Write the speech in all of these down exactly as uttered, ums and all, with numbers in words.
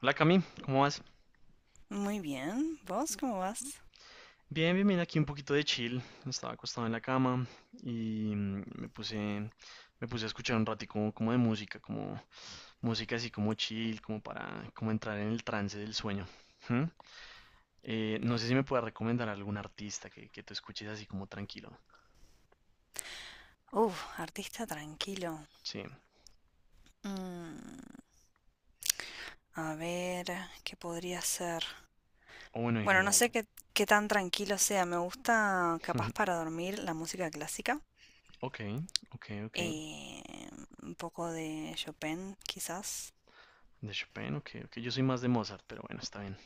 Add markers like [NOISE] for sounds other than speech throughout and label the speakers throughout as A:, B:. A: Hola Cami, ¿cómo vas?
B: Muy bien. ¿Vos cómo vas?
A: Bien, bien, bien, aquí un poquito de chill. Estaba acostado en la cama y mm, me puse, me puse a escuchar un ratico como de música, como música así como chill, como para como entrar en el trance del sueño. ¿Mm? Eh, no sé si me puedes recomendar algún artista que, que tú escuches así como tranquilo.
B: Uf, artista tranquilo.
A: Sí,
B: Mm, a ver, ¿qué podría ser?
A: o bueno, en
B: Bueno, no
A: general.
B: sé qué, qué tan tranquilo sea. Me gusta, capaz
A: [LAUGHS]
B: para dormir, la música clásica.
A: Ok, ok, ok.
B: Eh, un poco de Chopin, quizás.
A: De Chopin, ok, ok. Yo soy más de Mozart, pero bueno, está bien.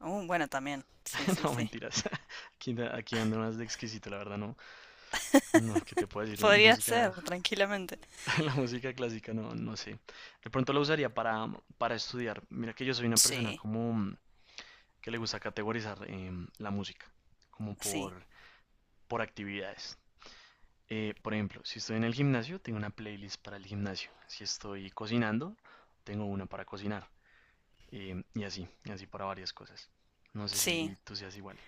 B: Uh, bueno, también. Sí,
A: [LAUGHS]
B: sí,
A: No,
B: sí.
A: mentiras. [LAUGHS] Aquí, aquí ando más de exquisito, la verdad, no. No, ¿qué te puedo decir? La
B: Podría ser,
A: música,
B: tranquilamente.
A: [LAUGHS] la música clásica, no, no sé. De pronto la usaría para, para estudiar. Mira que yo soy una persona
B: Sí,
A: como mm, que le gusta categorizar em, la música, como
B: sí,
A: por, por actividades. Eh, por ejemplo, si estoy en el gimnasio, tengo una playlist para el gimnasio. Si estoy cocinando, tengo una para cocinar. Em, y así, y así para varias cosas. No sé
B: sí,
A: si tú seas igual.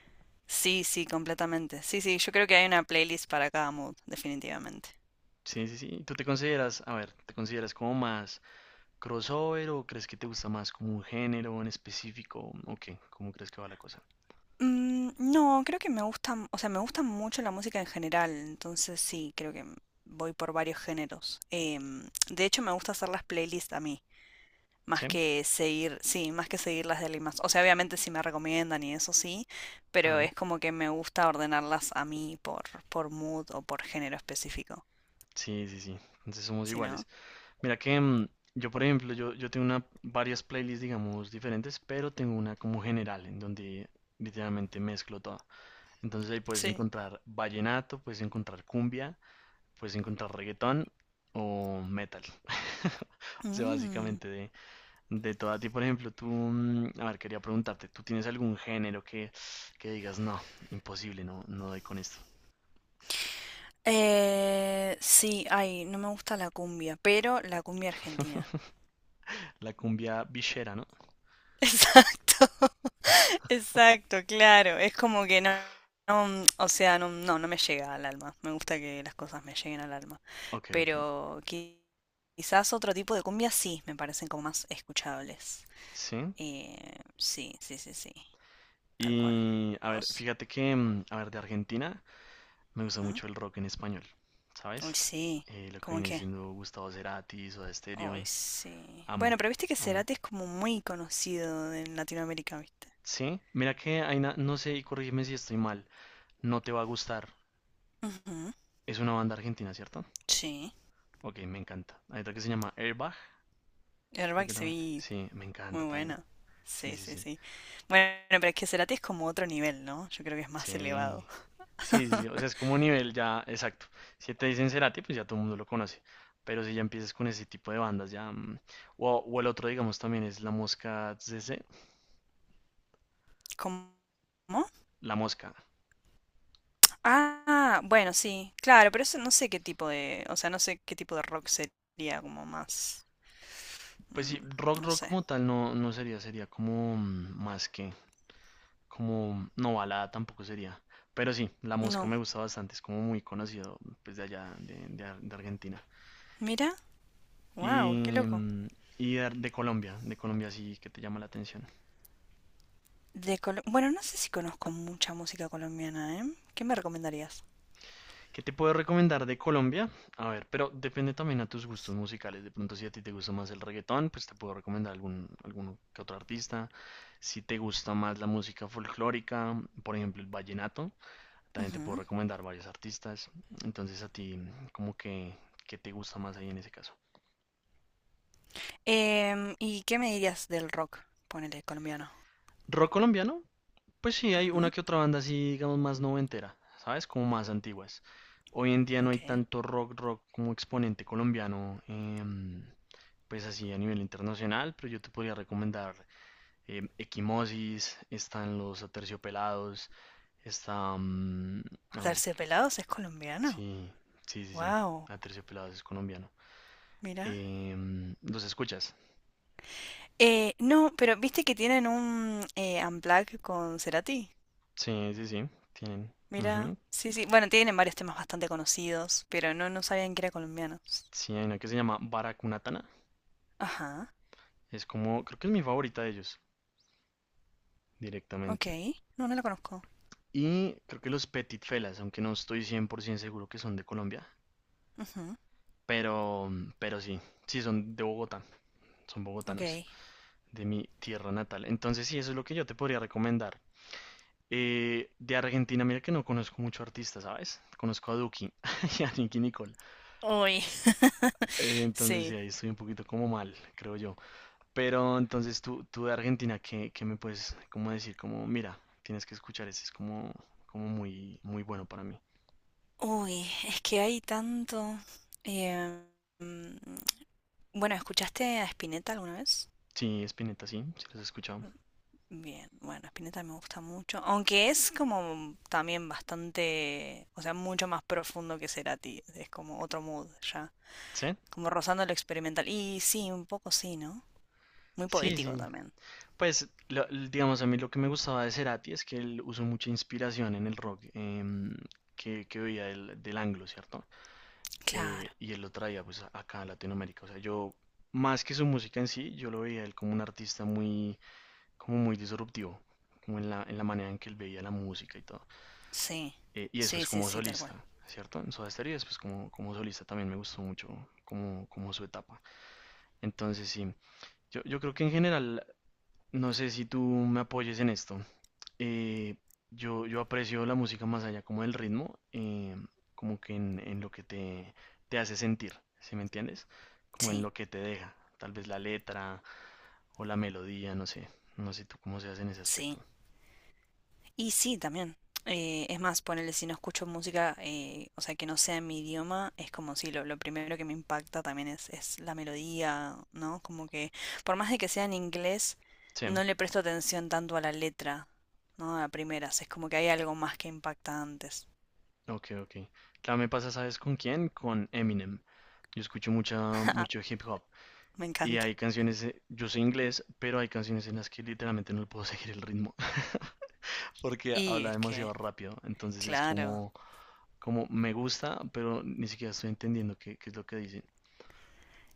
B: sí, sí, completamente. Sí, sí, yo creo que hay una playlist para cada mood, definitivamente.
A: Sí, sí, sí. ¿Tú te consideras, a ver, ¿Te consideras como más ¿Crossover o crees que te gusta más como un género en específico? ¿O qué? ¿Cómo crees que va la cosa?
B: Mm, no, creo que me gustan, o sea, me gusta mucho la música en general, entonces sí, creo que voy por varios géneros. Em, de hecho, me gusta hacer las playlists a mí,
A: ¿Sí?
B: más que seguir, sí, más que seguir las de alguien más. O sea, obviamente si me recomiendan y eso sí, pero
A: Claro.
B: es como que me gusta ordenarlas a mí por, por mood o por género específico,
A: Sí, sí, sí. Entonces somos
B: ¿si no?
A: iguales. Mira que mm, yo, por ejemplo, yo, yo tengo una, varias playlists, digamos, diferentes, pero tengo una como general, en donde literalmente mezclo todo. Entonces ahí puedes
B: Sí.
A: encontrar vallenato, puedes encontrar cumbia, puedes encontrar reggaetón o metal. [LAUGHS] O sea,
B: Mm.
A: básicamente de, De toda ti, por ejemplo, tú, mm, a ver, quería preguntarte, ¿tú tienes algún género que, que digas, no, imposible, no, no doy con esto?
B: Eh, sí, ay, no me gusta la cumbia, pero la cumbia argentina.
A: [LAUGHS] La cumbia villera, ¿no?
B: Exacto, [LAUGHS] exacto, claro. Es como que no, no, o sea, no, no, no me llega al alma. Me gusta que las cosas me lleguen al alma.
A: Ok, ok.
B: Pero qui- quizás otro tipo de cumbia sí, me parecen como más escuchables.
A: Sí.
B: Eh, sí, sí, sí, sí, tal cual.
A: Y, a ver,
B: ¿Vos?
A: fíjate que, mm, a ver, de Argentina me gusta
B: Ujú.
A: mucho el rock en español,
B: Uy,
A: ¿sabes?
B: sí.
A: Eh, lo que
B: ¿Cómo
A: viene
B: qué?
A: siendo Gustavo Cerati, Soda
B: Uy,
A: Stereo,
B: sí. Bueno,
A: amo,
B: pero viste que
A: amo.
B: Cerati es como muy conocido en Latinoamérica, ¿viste?
A: Sí, mira que hay na- no sé, y corrígeme si estoy mal, no te va a gustar.
B: Ujú.
A: Es una banda argentina, ¿cierto?
B: Sí.
A: Ok, me encanta. Hay otra que se llama Airbag. Creo
B: ¿Airbag
A: que
B: se
A: también.
B: vi?
A: Sí, me encanta
B: Muy
A: también.
B: bueno.
A: Sí,
B: Sí,
A: sí,
B: sí,
A: sí.
B: sí. Bueno, pero es que Cerati es como otro nivel, ¿no? Yo creo que es más elevado.
A: Sí. Sí, sí, sí. O sea, es como un nivel ya exacto. Si te dicen Cerati, pues ya todo el mundo lo conoce. Pero si ya empiezas con ese tipo de bandas, ya. mm, O, o el otro, digamos, también es La Mosca C C.
B: ¿Cómo?
A: La Mosca.
B: Ah, bueno, sí. Claro, pero eso no sé qué tipo de, o sea, no sé qué tipo de rock sería como más,
A: Pues
B: mm,
A: sí, rock,
B: no
A: rock
B: sé.
A: como tal no, no sería. Sería como mm, más que. Como. No, balada tampoco sería. Pero sí, La Mosca
B: No.
A: me gusta bastante. Es como muy conocido, pues de allá, de, de Ar- de Argentina.
B: Mira,
A: y,
B: wow, qué loco.
A: mm, y de, de Colombia, de Colombia sí que te llama la atención.
B: De Colo- bueno, no sé si conozco mucha música colombiana, ¿eh? ¿Qué me recomendarías?
A: ¿Qué te puedo recomendar de Colombia? A ver, pero depende también a tus gustos musicales. De pronto, si a ti te gusta más el reggaetón, pues te puedo recomendar algún, algún que otro artista. Si te gusta más la música folclórica, por ejemplo, el vallenato, también te puedo
B: Ujú.
A: recomendar varios artistas. Entonces, a ti, como que, ¿Qué te gusta más ahí en ese caso?
B: Em, ¿y qué me dirías del rock? Ponele colombiano.
A: Rock colombiano, pues sí, hay una
B: Ujú.
A: que otra banda así, digamos, más noventera, ¿sabes? Como más antiguas. Hoy en día no hay
B: Ok.
A: tanto rock, rock como exponente colombiano, em, pues así a nivel internacional, pero yo te podría recomendar em, Equimosis, están los Aterciopelados, está... mm, a ver,
B: Terciopelados es colombiano.
A: sí, sí, sí, sí,
B: Wow.
A: Aterciopelados es colombiano.
B: Mira.
A: Em, ¿los escuchas?
B: Eh, no, pero viste que tienen un eh, Unplugged con Cerati.
A: Sí, sí, sí, tienen.
B: Mira.
A: Ujú.
B: Sí, sí. Bueno, tienen varios temas bastante conocidos, pero no, no sabían que eran colombianos.
A: Sí, hay una que se llama Baracunatana,
B: Ajá.
A: es como, creo que es mi favorita de ellos.
B: Ok.
A: Directamente.
B: No, no la conozco.
A: Y creo que los Petit Felas, aunque no estoy cien por ciento seguro que son de Colombia,
B: Ujú.
A: pero, pero sí, sí son de Bogotá, son
B: Ok.
A: bogotanos, de mi tierra natal. Entonces sí, eso es lo que yo te podría recomendar. Eh, de Argentina, mira que no conozco mucho artista, ¿sabes? Conozco a Duki [LAUGHS] y a Nicki Nicole.
B: Uy.
A: Eh, entonces sí,
B: Sí.
A: ahí estoy un poquito como mal, creo yo. Pero entonces tú, tú de Argentina, ¿qué, ¿qué me puedes como decir? Como, mira, tienes que escuchar ese, es como, como muy, muy bueno para mí.
B: Uy, es que hay tanto. Eh, mm, bueno, ¿escuchaste a Spinetta alguna vez?
A: Sí, Spinetta, sí, sí los he escuchado.
B: Bien, bueno, Spinetta me gusta mucho, aunque es como también bastante, o sea, mucho más profundo que Cerati, es como otro mood ya,
A: ¿Sí?
B: como rozando lo experimental. Y sí, un poco sí, ¿no? Muy
A: Sí,
B: poético
A: sí.
B: también.
A: Pues, lo- l- digamos, a mí lo que me gustaba de Cerati es que él usó mucha inspiración en el rock em, que, que veía del, del anglo, ¿cierto? Eh,
B: Claro,
A: y él lo traía pues a- acá a Latinoamérica. O sea, yo, más que su música en sí, yo lo veía él como un artista muy, como muy disruptivo, como en la, en la manera en que él veía la música y todo.
B: sí,
A: Eh, y
B: sí,
A: después
B: sí,
A: como
B: sí, tal cual.
A: solista, ¿cierto? En Soda Stereo y después como, como solista también me gustó mucho como, como su etapa. Entonces sí, Yo, yo creo que en general, no sé si tú me apoyes en esto. eh, yo, yo aprecio la música más allá como del ritmo, eh, como que en, en lo que te, te hace sentir, ¿sí me entiendes? Como en
B: Sí,
A: lo que te deja, tal vez la letra o la melodía, no sé, no sé tú cómo seas en ese
B: sí.
A: aspecto.
B: Y sí, también. Eh, es más, ponele, si no escucho música, eh, o sea, que no sea en mi idioma, es como si lo, lo primero que me impacta también es, es la melodía, ¿no? Como que, por más de que sea en inglés,
A: Sí,
B: no le presto atención tanto a la letra, ¿no? A primeras, es como que hay algo más que impacta antes.
A: ok, ok. Claro, me pasa, ¿sabes con quién? Con Eminem. Yo escucho mucha, mucho
B: [LAUGHS]
A: hip hop.
B: Me
A: Y
B: encanta.
A: hay canciones, eh, yo soy inglés, pero hay canciones en las que literalmente no le puedo [LAUGHS] seguir el ritmo. Porque
B: Y
A: habla
B: es
A: demasiado
B: que,
A: rápido. Entonces es
B: claro.
A: como, como me gusta, pero ni siquiera estoy entendiendo qué, qué es lo que dicen.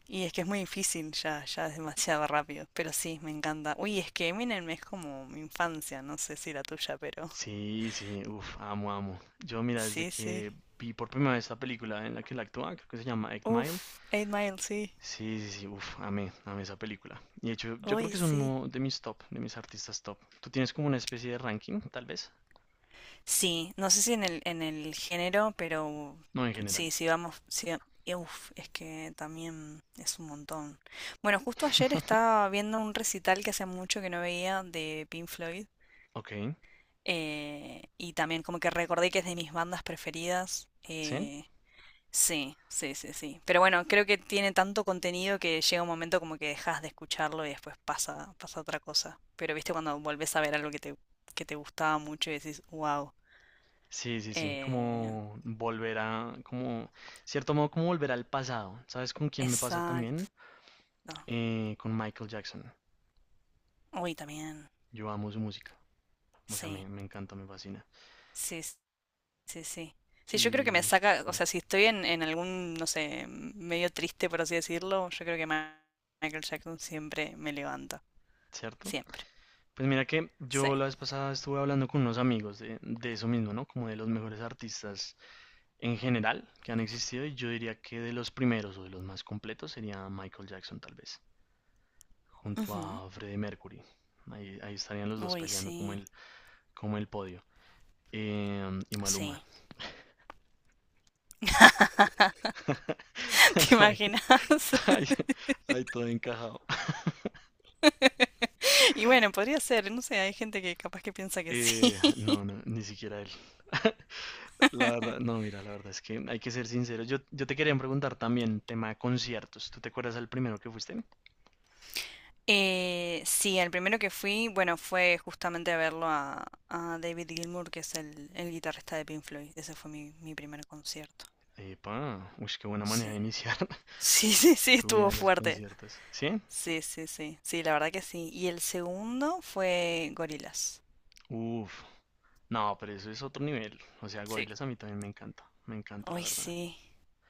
B: Y es que es muy difícil, ya, ya es demasiado rápido. Pero sí, me encanta. Uy, es que Eminem es como mi infancia, no sé si la tuya, pero
A: Sí, sí, uff, amo, amo. Yo,
B: [LAUGHS]
A: mira, desde
B: sí, sí.
A: que vi por primera vez esta película en la que él actúa, creo que se llama Eight Mile.
B: Uf, Eight Mile, sí.
A: Sí, sí, sí, uff, amé, amé esa película. Y de hecho, yo creo
B: Uy,
A: que es
B: sí.
A: uno de mis top, de mis artistas top. ¿Tú tienes como una especie de ranking, tal vez?
B: Sí, no sé si en el, en el género, pero
A: No, en
B: sí,
A: general.
B: sí vamos, sí, y uf, es que también es un montón. Bueno, justo ayer
A: [LAUGHS]
B: estaba viendo un recital que hace mucho que no veía de Pink Floyd,
A: Ok,
B: eh, y también como que recordé que es de mis bandas preferidas.
A: sí.
B: eh, Sí, sí, sí, sí. Pero bueno, creo que tiene tanto contenido que llega un momento como que dejas de escucharlo y después pasa, pasa otra cosa. Pero viste cuando volvés a ver algo que te, que te gustaba mucho y decís, wow.
A: Sí, sí, sí,
B: Eh,
A: como volver a, como, cierto modo, como volver al pasado. ¿Sabes con quién me pasa
B: exacto.
A: también? Eh, con Michael Jackson.
B: Uy, también.
A: Yo amo su música, o sea,
B: Sí,
A: me, me encanta, me fascina.
B: sí, s- sí, sí. Sí, yo creo que me
A: Y,
B: saca,
A: sí,
B: o sea, si estoy en, en algún, no sé, m- medio triste, por así decirlo, yo creo que Ma- Michael Jackson siempre me levanta.
A: ¿cierto?
B: Siempre.
A: Pues mira que
B: Sí.
A: yo la vez pasada estuve hablando con unos amigos de, de eso mismo, ¿no? Como de los mejores artistas en general que han existido y yo diría que de los primeros o de los más completos sería Michael Jackson tal vez, junto
B: Ujú.
A: a Freddie Mercury. Ahí, ahí estarían los dos
B: Uy,
A: peleando como
B: sí.
A: el, como el podio. Em, y Maluma.
B: Sí. [LAUGHS]
A: [LAUGHS]
B: ¿Te
A: No hay,
B: imaginas? [LAUGHS]
A: hay, hay todo encajado.
B: Y bueno, podría ser, no sé, hay gente que capaz que piensa que sí.
A: Eh,
B: [LAUGHS]
A: no, no, ni siquiera él. [LAUGHS] La verdad, no, mira, la verdad es que hay que ser sincero. Yo, yo te quería preguntar también, tema de conciertos. ¿Tú te acuerdas del primero que fuiste?
B: Eh, sí, el primero que fui, bueno, fue justamente a verlo a, a David Gilmour, que es el, el guitarrista de Pink Floyd. Ese fue mi, mi primer concierto.
A: Epa, uy, qué buena manera de
B: Sí. [LAUGHS]
A: iniciar [LAUGHS]
B: Sí, sí, sí,
A: tu vida
B: estuvo
A: en los
B: fuerte.
A: conciertos. ¿Sí?
B: Sí, sí, sí. Sí, la verdad que sí. Y el segundo fue Gorillaz.
A: Uf, no, pero eso es otro nivel. O sea,
B: Sí.
A: Gorillaz a mí también me encanta, me encanta, la
B: Ay,
A: verdad.
B: sí.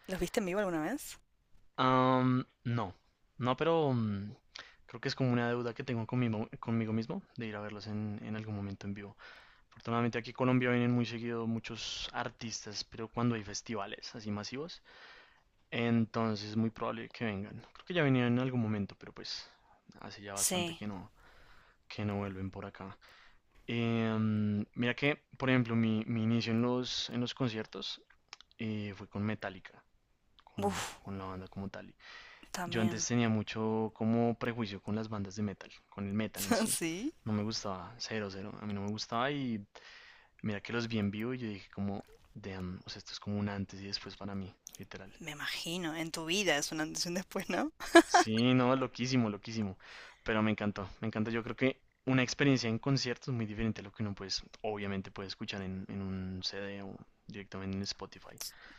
B: ¿Los viste en vivo alguna vez?
A: Am, no, no, pero mm, creo que es como una deuda que tengo conmigo, conmigo mismo de ir a verlos en, en algún momento en vivo. Afortunadamente aquí en Colombia vienen muy seguido muchos artistas, pero cuando hay festivales así masivos, entonces es muy probable que vengan. Creo que ya venían en algún momento, pero pues hace ya bastante
B: Sí.
A: que no, que no vuelven por acá. Em, mira que, por ejemplo, mi, mi inicio en los, en los conciertos eh, fue con Metallica, con,
B: Uf,
A: con la banda como tal. Yo antes
B: también.
A: tenía mucho como prejuicio con las bandas de metal, con el metal en
B: [LAUGHS]
A: sí.
B: ¿Sí?
A: No me gustaba, cero, cero. A mí no me gustaba y mira que los vi en vivo y yo dije como, damn, o sea, esto es como un antes y después para mí, literal.
B: Me imagino, en tu vida es un antes y un después, ¿no?
A: Sí, no, loquísimo, loquísimo. Pero me encantó, me encanta. Yo creo que una experiencia en concierto es muy diferente a lo que uno pues, obviamente puede escuchar en, en un C D o directamente en Spotify.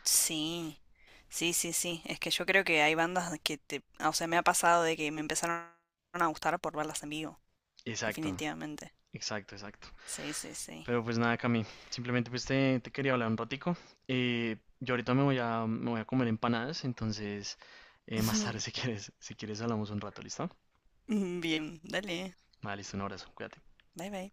B: Sí, sí, sí, sí. Es que yo creo que hay bandas que te... O sea, me ha pasado de que me empezaron a gustar por verlas en vivo,
A: Exacto,
B: definitivamente.
A: exacto, exacto.
B: Sí, sí, sí.
A: Pero pues nada, Cami, simplemente pues te, te quería hablar un ratico. Eh, yo ahorita me voy a, me voy a comer empanadas, entonces eh, más tarde [LAUGHS] si
B: [LAUGHS]
A: quieres, si quieres hablamos un rato, ¿listo?
B: Bien, dale.
A: Vale, listo, un abrazo, cuídate.
B: Bye, bye.